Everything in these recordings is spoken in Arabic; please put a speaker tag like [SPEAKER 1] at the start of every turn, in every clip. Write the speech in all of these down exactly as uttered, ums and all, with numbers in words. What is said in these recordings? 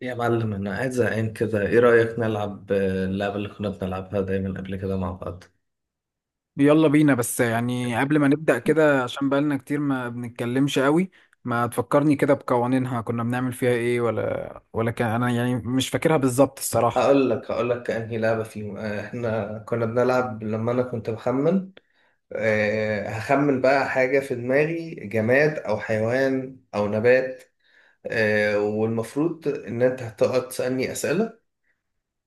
[SPEAKER 1] يا معلم، انا قاعد زهقان كده. ايه رأيك نلعب آه، اللعبة اللي كنا بنلعبها دايما قبل كده مع بعض؟
[SPEAKER 2] يلا بينا. بس يعني قبل ما نبدأ كده، عشان بقالنا كتير ما بنتكلمش قوي. ما تفكرني كده بقوانينها، كنا بنعمل فيها ايه؟ ولا ولا كان انا يعني مش فاكرها بالظبط الصراحة.
[SPEAKER 1] هقول لك هقول لك انهي لعبة فيهم. آه، احنا كنا بنلعب لما انا كنت بخمن. آه، هخمن بقى حاجة في دماغي، جماد او حيوان او نبات. آه، والمفروض ان انت هتقعد تسألني أسئلة،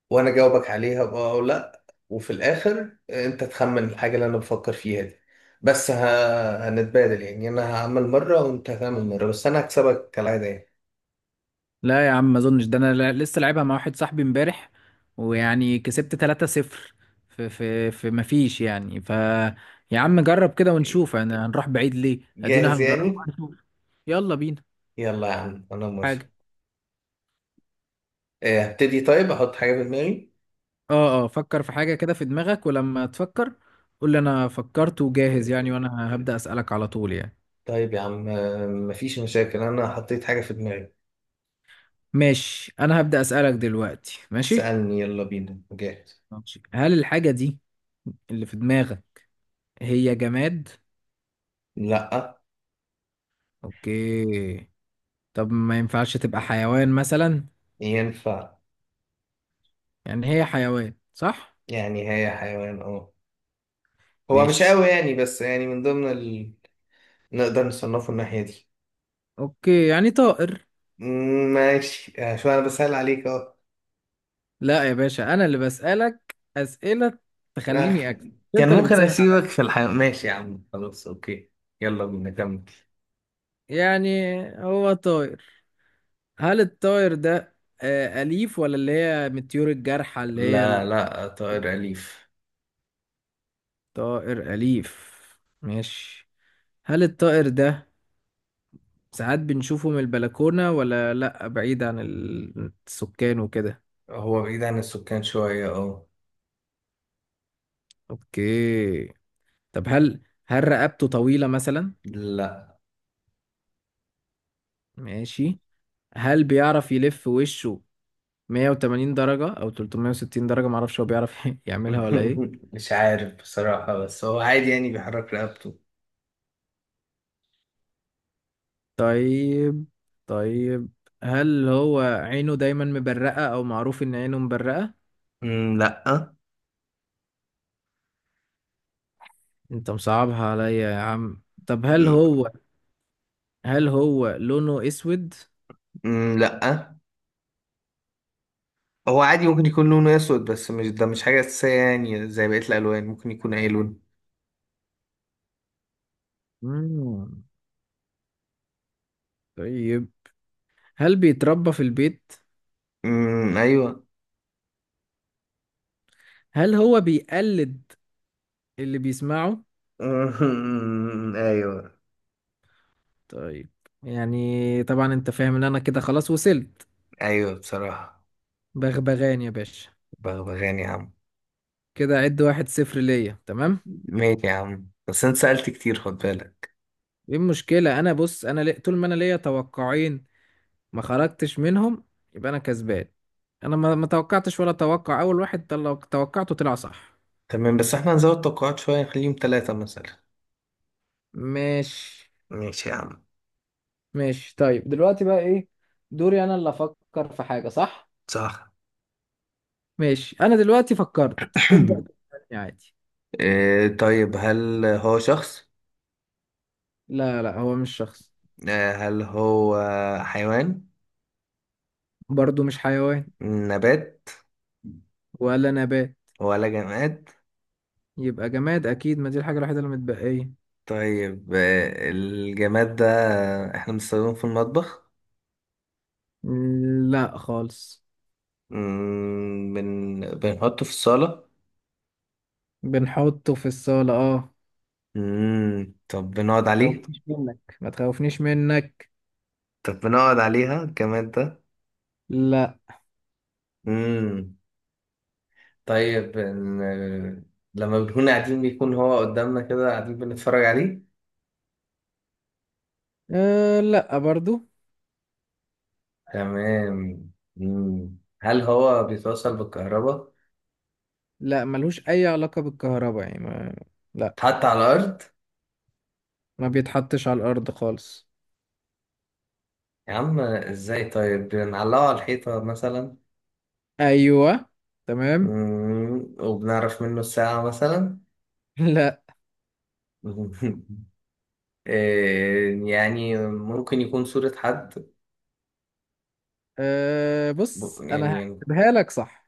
[SPEAKER 1] وانا اجاوبك عليها بقى او لا. وفي الاخر انت تخمن الحاجه اللي انا بفكر فيها دي. بس ه... هنتبادل يعني، انا هعمل مره وانت هتعمل مره، بس انا هكسبك كالعاده يعني.
[SPEAKER 2] لا يا عم ما اظنش ده، انا لا- لسه لعبها مع واحد صاحبي امبارح ويعني كسبت ثلاثة صفر. في في في ما فيش يعني ف يا عم جرب كده ونشوف انا هنروح بعيد ليه، ادينا
[SPEAKER 1] جاهز
[SPEAKER 2] هنجرب
[SPEAKER 1] يعني.
[SPEAKER 2] هنشوف. يلا بينا.
[SPEAKER 1] يلا يا عم، انا موافق.
[SPEAKER 2] حاجة.
[SPEAKER 1] آه، هبتدي. طيب احط حاجه في دماغي.
[SPEAKER 2] اه اه فكر في حاجة كده في دماغك، ولما تفكر قول لي انا فكرت وجاهز يعني، وانا هبدأ أسألك على طول يعني.
[SPEAKER 1] طيب يا عم، آه، مفيش مشاكل، انا حطيت حاجه في دماغي.
[SPEAKER 2] ماشي، انا هبدأ أسألك دلوقتي ماشي.
[SPEAKER 1] سألني، يلا بينا، جاهز.
[SPEAKER 2] ماشي، هل الحاجة دي اللي في دماغك هي جماد؟
[SPEAKER 1] لا.
[SPEAKER 2] اوكي. طب ما ينفعش تبقى حيوان مثلا؟
[SPEAKER 1] ينفع.
[SPEAKER 2] يعني هي حيوان صح؟
[SPEAKER 1] يعني هي حيوان، اه. هو مش
[SPEAKER 2] ماشي.
[SPEAKER 1] قوي يعني، بس يعني من ضمن ال... نقدر نصنفه الناحيه دي.
[SPEAKER 2] اوكي، يعني طائر؟
[SPEAKER 1] مم، ماشي. آه، شو انا بسأل عليك اهو.
[SPEAKER 2] لا يا باشا، انا اللي بسألك أسئلة
[SPEAKER 1] آه،
[SPEAKER 2] تخليني اكسب.
[SPEAKER 1] كان
[SPEAKER 2] انت اللي
[SPEAKER 1] ممكن
[SPEAKER 2] بتسهل
[SPEAKER 1] اسيبك
[SPEAKER 2] عليا.
[SPEAKER 1] في الحياة. ماشي يا عم، خلاص، اوكي. يلا بينا، كمل.
[SPEAKER 2] يعني هو طائر. هل الطائر ده آه، أليف، ولا اللي هي من الطيور الجارحة اللي هي؟
[SPEAKER 1] لا، لا، طائر أليف.
[SPEAKER 2] الطائر أليف. ماشي. هل الطائر ده ساعات بنشوفه من البلكونة، ولا لأ بعيد عن ال- السكان وكده؟
[SPEAKER 1] هو بعيد عن السكان شوية، اه.
[SPEAKER 2] أوكي. طب هل هل رقبته طويلة مثلا؟
[SPEAKER 1] لا.
[SPEAKER 2] ماشي. هل بيعرف يلف وشه مية وتمانين درجة أو تلتمية وستين درجة؟ معرفش هو بيعرف يعملها ولا إيه.
[SPEAKER 1] مش عارف بصراحة، بس هو عادي يعني، بيحرك رقبته.
[SPEAKER 2] طيب طيب، هل هو عينه دايما مبرقة، او معروف ان عينه مبرقة؟
[SPEAKER 1] مم، لا.
[SPEAKER 2] انت مصعبها عليا يا عم. طب هل
[SPEAKER 1] مم،
[SPEAKER 2] هو هل هو لونه اسود؟
[SPEAKER 1] مم، لا. هو عادي ممكن يكون لونه اسود، بس مش ده مش حاجة أساسية يعني، زي بقية الألوان ممكن يكون أي لون.
[SPEAKER 2] مم. طيب، هل بيتربى في البيت؟
[SPEAKER 1] مم، أيوه.
[SPEAKER 2] هل هو بيقلد اللي بيسمعه؟
[SPEAKER 1] مم، أيوه.
[SPEAKER 2] طيب، يعني طبعا انت فاهم ان انا كده خلاص وصلت.
[SPEAKER 1] أيوه بصراحة.
[SPEAKER 2] بغبغان يا باشا.
[SPEAKER 1] بغبغان يا عم.
[SPEAKER 2] كده عد واحد صفر ليا تمام.
[SPEAKER 1] ماشي يا عم، بس انت سألت كتير، خد بالك.
[SPEAKER 2] ايه المشكلة، انا بص انا لي- طول ما انا ليا توقعين ما خرجتش منهم يبقى انا كسبان. انا ما ما توقعتش، ولا توقع اول واحد طل- لو توقعته طلع صح.
[SPEAKER 1] تمام، بس احنا هنزود توقعات شوية، نخليهم ثلاثة مثلا.
[SPEAKER 2] ماشي
[SPEAKER 1] ماشي يا عم.
[SPEAKER 2] ماشي. طيب دلوقتي بقى ايه، دوري انا اللي افكر في حاجة، صح؟
[SPEAKER 1] صح.
[SPEAKER 2] ماشي. انا دلوقتي فكرت. تبدأ تسألني عادي.
[SPEAKER 1] آه، طيب هل هو شخص؟
[SPEAKER 2] لا لا، هو مش شخص.
[SPEAKER 1] آه، هل هو حيوان؟
[SPEAKER 2] برضو مش حيوان.
[SPEAKER 1] نبات؟
[SPEAKER 2] ولا نبات.
[SPEAKER 1] ولا جماد؟
[SPEAKER 2] يبقى جماد اكيد، ما دي الحاجة الوحيدة اللي متبقية.
[SPEAKER 1] طيب، آه، الجماد ده احنا بنستخدمه في المطبخ؟
[SPEAKER 2] لا خالص.
[SPEAKER 1] مم، بن... بنحطه في الصالة.
[SPEAKER 2] بنحطه في الصالة اه.
[SPEAKER 1] مم، طب بنقعد
[SPEAKER 2] ما
[SPEAKER 1] عليه؟
[SPEAKER 2] تخوفنيش منك ما تخوفنيش منك.
[SPEAKER 1] طب بنقعد عليها الجماد ده؟
[SPEAKER 2] لا.
[SPEAKER 1] مم. طيب إن- لما بنكون قاعدين بيكون هو قدامنا كده قاعدين بنتفرج عليه.
[SPEAKER 2] أه لا برضو.
[SPEAKER 1] تمام. مم. هل هو بيتوصل بالكهرباء؟
[SPEAKER 2] لا ملوش اي علاقة بالكهرباء يعني ما... لا.
[SPEAKER 1] اتحط على الأرض؟
[SPEAKER 2] ما بيتحطش على الارض خالص.
[SPEAKER 1] يا عم ازاي؟ طيب بنعلقه على الحيطة مثلا؟
[SPEAKER 2] ايوه. تمام.
[SPEAKER 1] مم. وبنعرف منه الساعة مثلا؟
[SPEAKER 2] لا.
[SPEAKER 1] إيه، يعني ممكن يكون صورة حد؟
[SPEAKER 2] أه
[SPEAKER 1] ب-
[SPEAKER 2] بص انا
[SPEAKER 1] يعني.
[SPEAKER 2] هحسبها لك صح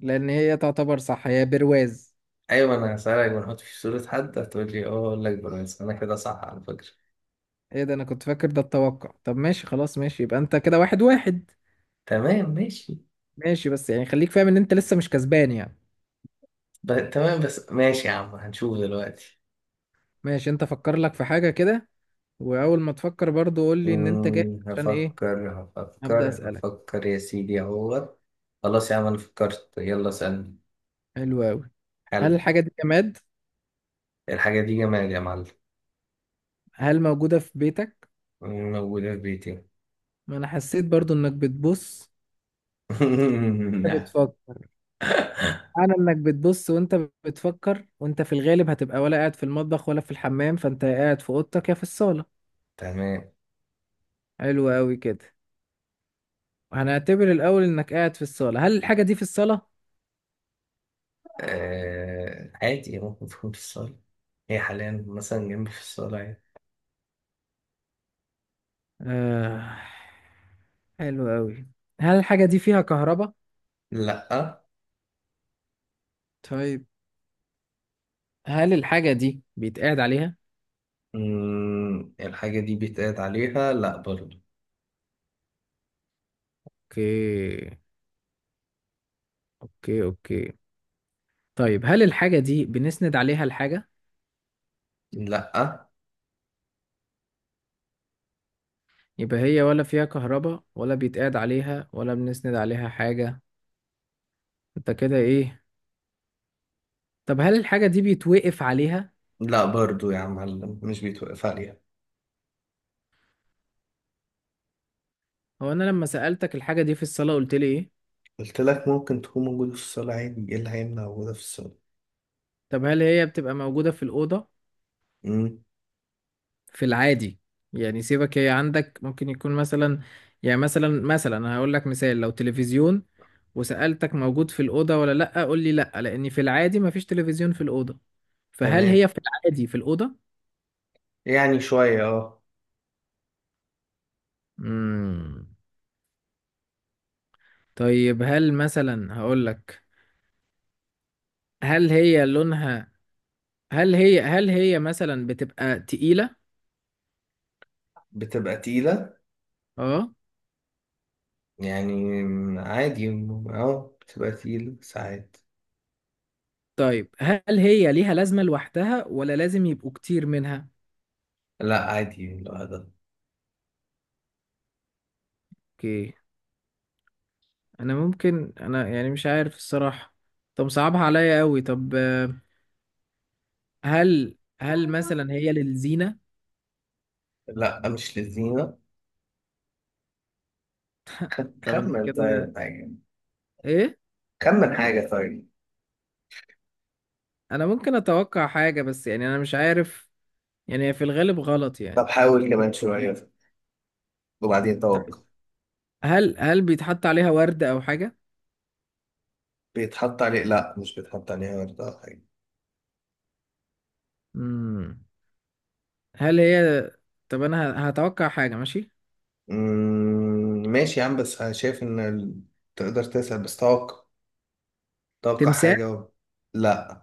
[SPEAKER 2] لان هي تعتبر صح، هي برواز.
[SPEAKER 1] أيوة أنا هسألك، بنحط في صورة حد، هتقول لي اه، أقول لك بس أنا كده صح على فكرة.
[SPEAKER 2] ايه ده، انا كنت فاكر ده التوقع. طب ماشي خلاص، ماشي، يبقى انت كده واحد واحد.
[SPEAKER 1] تمام، ماشي.
[SPEAKER 2] ماشي بس يعني خليك فاهم ان انت لسه مش كسبان يعني.
[SPEAKER 1] ب... تمام، بس ماشي يا عم، هنشوف دلوقتي.
[SPEAKER 2] ماشي. انت فكر لك في حاجة كده، واول ما تفكر برضو قول لي ان انت جاي
[SPEAKER 1] مم،
[SPEAKER 2] عشان ايه.
[SPEAKER 1] هفكر.
[SPEAKER 2] ابدا
[SPEAKER 1] هفكر
[SPEAKER 2] اسالك.
[SPEAKER 1] هفكر يا سيدي اهوت. خلاص يا عم، انا فكرت، يلا اسألني.
[SPEAKER 2] حلو قوي. هل
[SPEAKER 1] حلو.
[SPEAKER 2] الحاجة دي جماد؟
[SPEAKER 1] الحاجة دي جمال يا معلم.
[SPEAKER 2] هل موجودة في بيتك؟
[SPEAKER 1] مم، موجودة في بيتي.
[SPEAKER 2] ما انا حسيت برضو انك بتبص وانت
[SPEAKER 1] نعم.
[SPEAKER 2] بتفكر. معنى انك بتبص وانت بتفكر، وانت في الغالب هتبقى ولا قاعد في المطبخ ولا في الحمام، فانت يا قاعد في اوضتك يا في الصالة.
[SPEAKER 1] تمام.
[SPEAKER 2] حلو قوي كده. هنعتبر الاول انك قاعد في الصالة، هل الحاجة دي في الصالة؟
[SPEAKER 1] آه... عادي ممكن تكون في الصالة، هي حاليا مثلا جنبي في الصالة يعني.
[SPEAKER 2] آه... حلو قوي. هل الحاجة دي فيها كهرباء؟
[SPEAKER 1] لأ.
[SPEAKER 2] طيب، هل الحاجة دي بيتقعد عليها؟
[SPEAKER 1] مم، الحاجة دي بيتقعد عليها؟ لأ، برضو.
[SPEAKER 2] اوكي اوكي اوكي. طيب، هل الحاجة دي بنسند عليها الحاجة؟
[SPEAKER 1] لأ،
[SPEAKER 2] يبقى هي ولا فيها كهرباء ولا بيتقعد عليها ولا بنسند عليها حاجة، انت كده ايه؟ طب هل الحاجة دي بيتوقف عليها؟
[SPEAKER 1] لأ برضو يا عم معلم، مش بيتوقف عليها.
[SPEAKER 2] هو انا لما سألتك الحاجة دي في الصالة قلت لي ايه؟
[SPEAKER 1] قلت لك ممكن تكون موجودة في الصالة عادي، ايه اللي هيمنع وجودها في الصالة؟
[SPEAKER 2] طب هل هي بتبقى موجودة في الأوضة
[SPEAKER 1] امم.
[SPEAKER 2] في العادي؟ يعني سيبك هي عندك ممكن يكون مثلا، يعني مثلا مثلا انا هقول لك مثال لو تلفزيون وسألتك موجود في الأوضة ولا لأ، قول لي لأ، لأن في العادي مفيش تلفزيون في الأوضة. فهل
[SPEAKER 1] تمام،
[SPEAKER 2] هي في العادي في الأوضة؟
[SPEAKER 1] يعني شوية اه.
[SPEAKER 2] مم. طيب هل مثلا هقول لك، هل هي لونها، هل هي هل هي مثلا بتبقى تقيلة؟
[SPEAKER 1] بتبقى تقيلة.
[SPEAKER 2] اه.
[SPEAKER 1] يعني م- عادي، م- اه بتبقى تقيلة ساعات.
[SPEAKER 2] طيب، هل هي ليها لازمة لوحدها ولا لازم يبقوا كتير منها؟
[SPEAKER 1] لا، عادي لوحدها.
[SPEAKER 2] اوكي. انا ممكن انا يعني مش عارف الصراحة. طب صعبها عليا قوي. طب آه، هل هل مثلا هي للزينة؟
[SPEAKER 1] لا، مش لذينة. خ-
[SPEAKER 2] طب أنا
[SPEAKER 1] خمن
[SPEAKER 2] كده
[SPEAKER 1] طيب حاجة.
[SPEAKER 2] ايه؟
[SPEAKER 1] خمن حاجة طيب.
[SPEAKER 2] انا ممكن اتوقع حاجة بس يعني انا مش عارف، يعني هي في الغالب غلط
[SPEAKER 1] طب
[SPEAKER 2] يعني.
[SPEAKER 1] حاول كمان شوية وبعدين
[SPEAKER 2] طيب
[SPEAKER 1] توقع.
[SPEAKER 2] هل هل بيتحط عليها ورد او حاجة؟
[SPEAKER 1] بيتحط عليه لا، مش بيتحط عليه ورد أو حاجة.
[SPEAKER 2] مم. هل هي، طب انا ه- هتوقع حاجة ماشي؟
[SPEAKER 1] أمم، ماشي يا عم، بس أنا شايف إن ال- تقدر تسأل بس توقع. توقع
[SPEAKER 2] تمساح.
[SPEAKER 1] حاجة و... لا.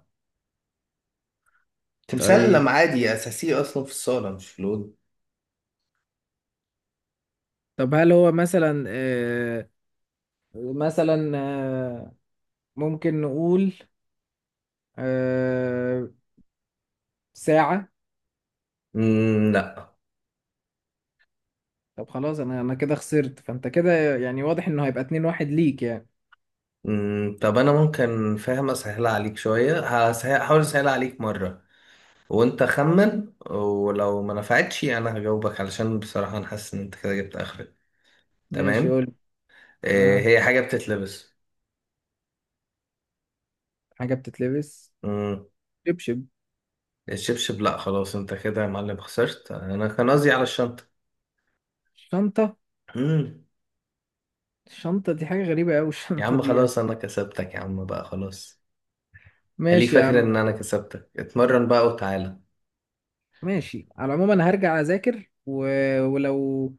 [SPEAKER 1] تمثال
[SPEAKER 2] طيب.
[SPEAKER 1] لما عادي اساسي اصلا في الصاله مش لون.
[SPEAKER 2] طب هل هو مثلا آه مثلا آه ممكن نقول آه ساعة؟
[SPEAKER 1] مم، لا.
[SPEAKER 2] طب خلاص انا انا كده خسرت، فانت كده يعني واضح انه هيبقى اتنين واحد ليك يعني.
[SPEAKER 1] مم، طب انا ممكن فاهم اسهلها عليك شويه. هسهل- هحاول اسهلها عليك مره، وانت خمن، ولو ما نفعتش انا هجاوبك، علشان بصراحه انا حاسس ان انت كده جبت اخرك.
[SPEAKER 2] ماشي
[SPEAKER 1] تمام.
[SPEAKER 2] قول.
[SPEAKER 1] آه،
[SPEAKER 2] آه
[SPEAKER 1] هي حاجه بتتلبس.
[SPEAKER 2] حاجة بتتلبس.
[SPEAKER 1] مم،
[SPEAKER 2] شبشب.
[SPEAKER 1] الشبشب لا، خلاص انت كده يا معلم خسرت، انا كان قصدي على الشنطه.
[SPEAKER 2] شنطة.
[SPEAKER 1] مم،
[SPEAKER 2] الشنطة دي حاجة غريبة أوي
[SPEAKER 1] يا
[SPEAKER 2] الشنطة
[SPEAKER 1] عم
[SPEAKER 2] دي يعني.
[SPEAKER 1] خلاص انا كسبتك يا عم، بقى خلاص. خليك
[SPEAKER 2] ماشي يا
[SPEAKER 1] فاكر
[SPEAKER 2] عم.
[SPEAKER 1] ان انا كسبتك، اتمرن بقى وتعالى.
[SPEAKER 2] ماشي على العموم، انا هرجع اذاكر و... ولو،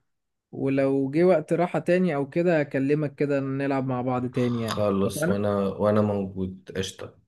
[SPEAKER 2] ولو جه وقت راحة تاني او كده اكلمك كده نلعب مع بعض تاني يعني،
[SPEAKER 1] خلص،
[SPEAKER 2] اتفقنا.
[SPEAKER 1] وانا وانا موجود، قشطة.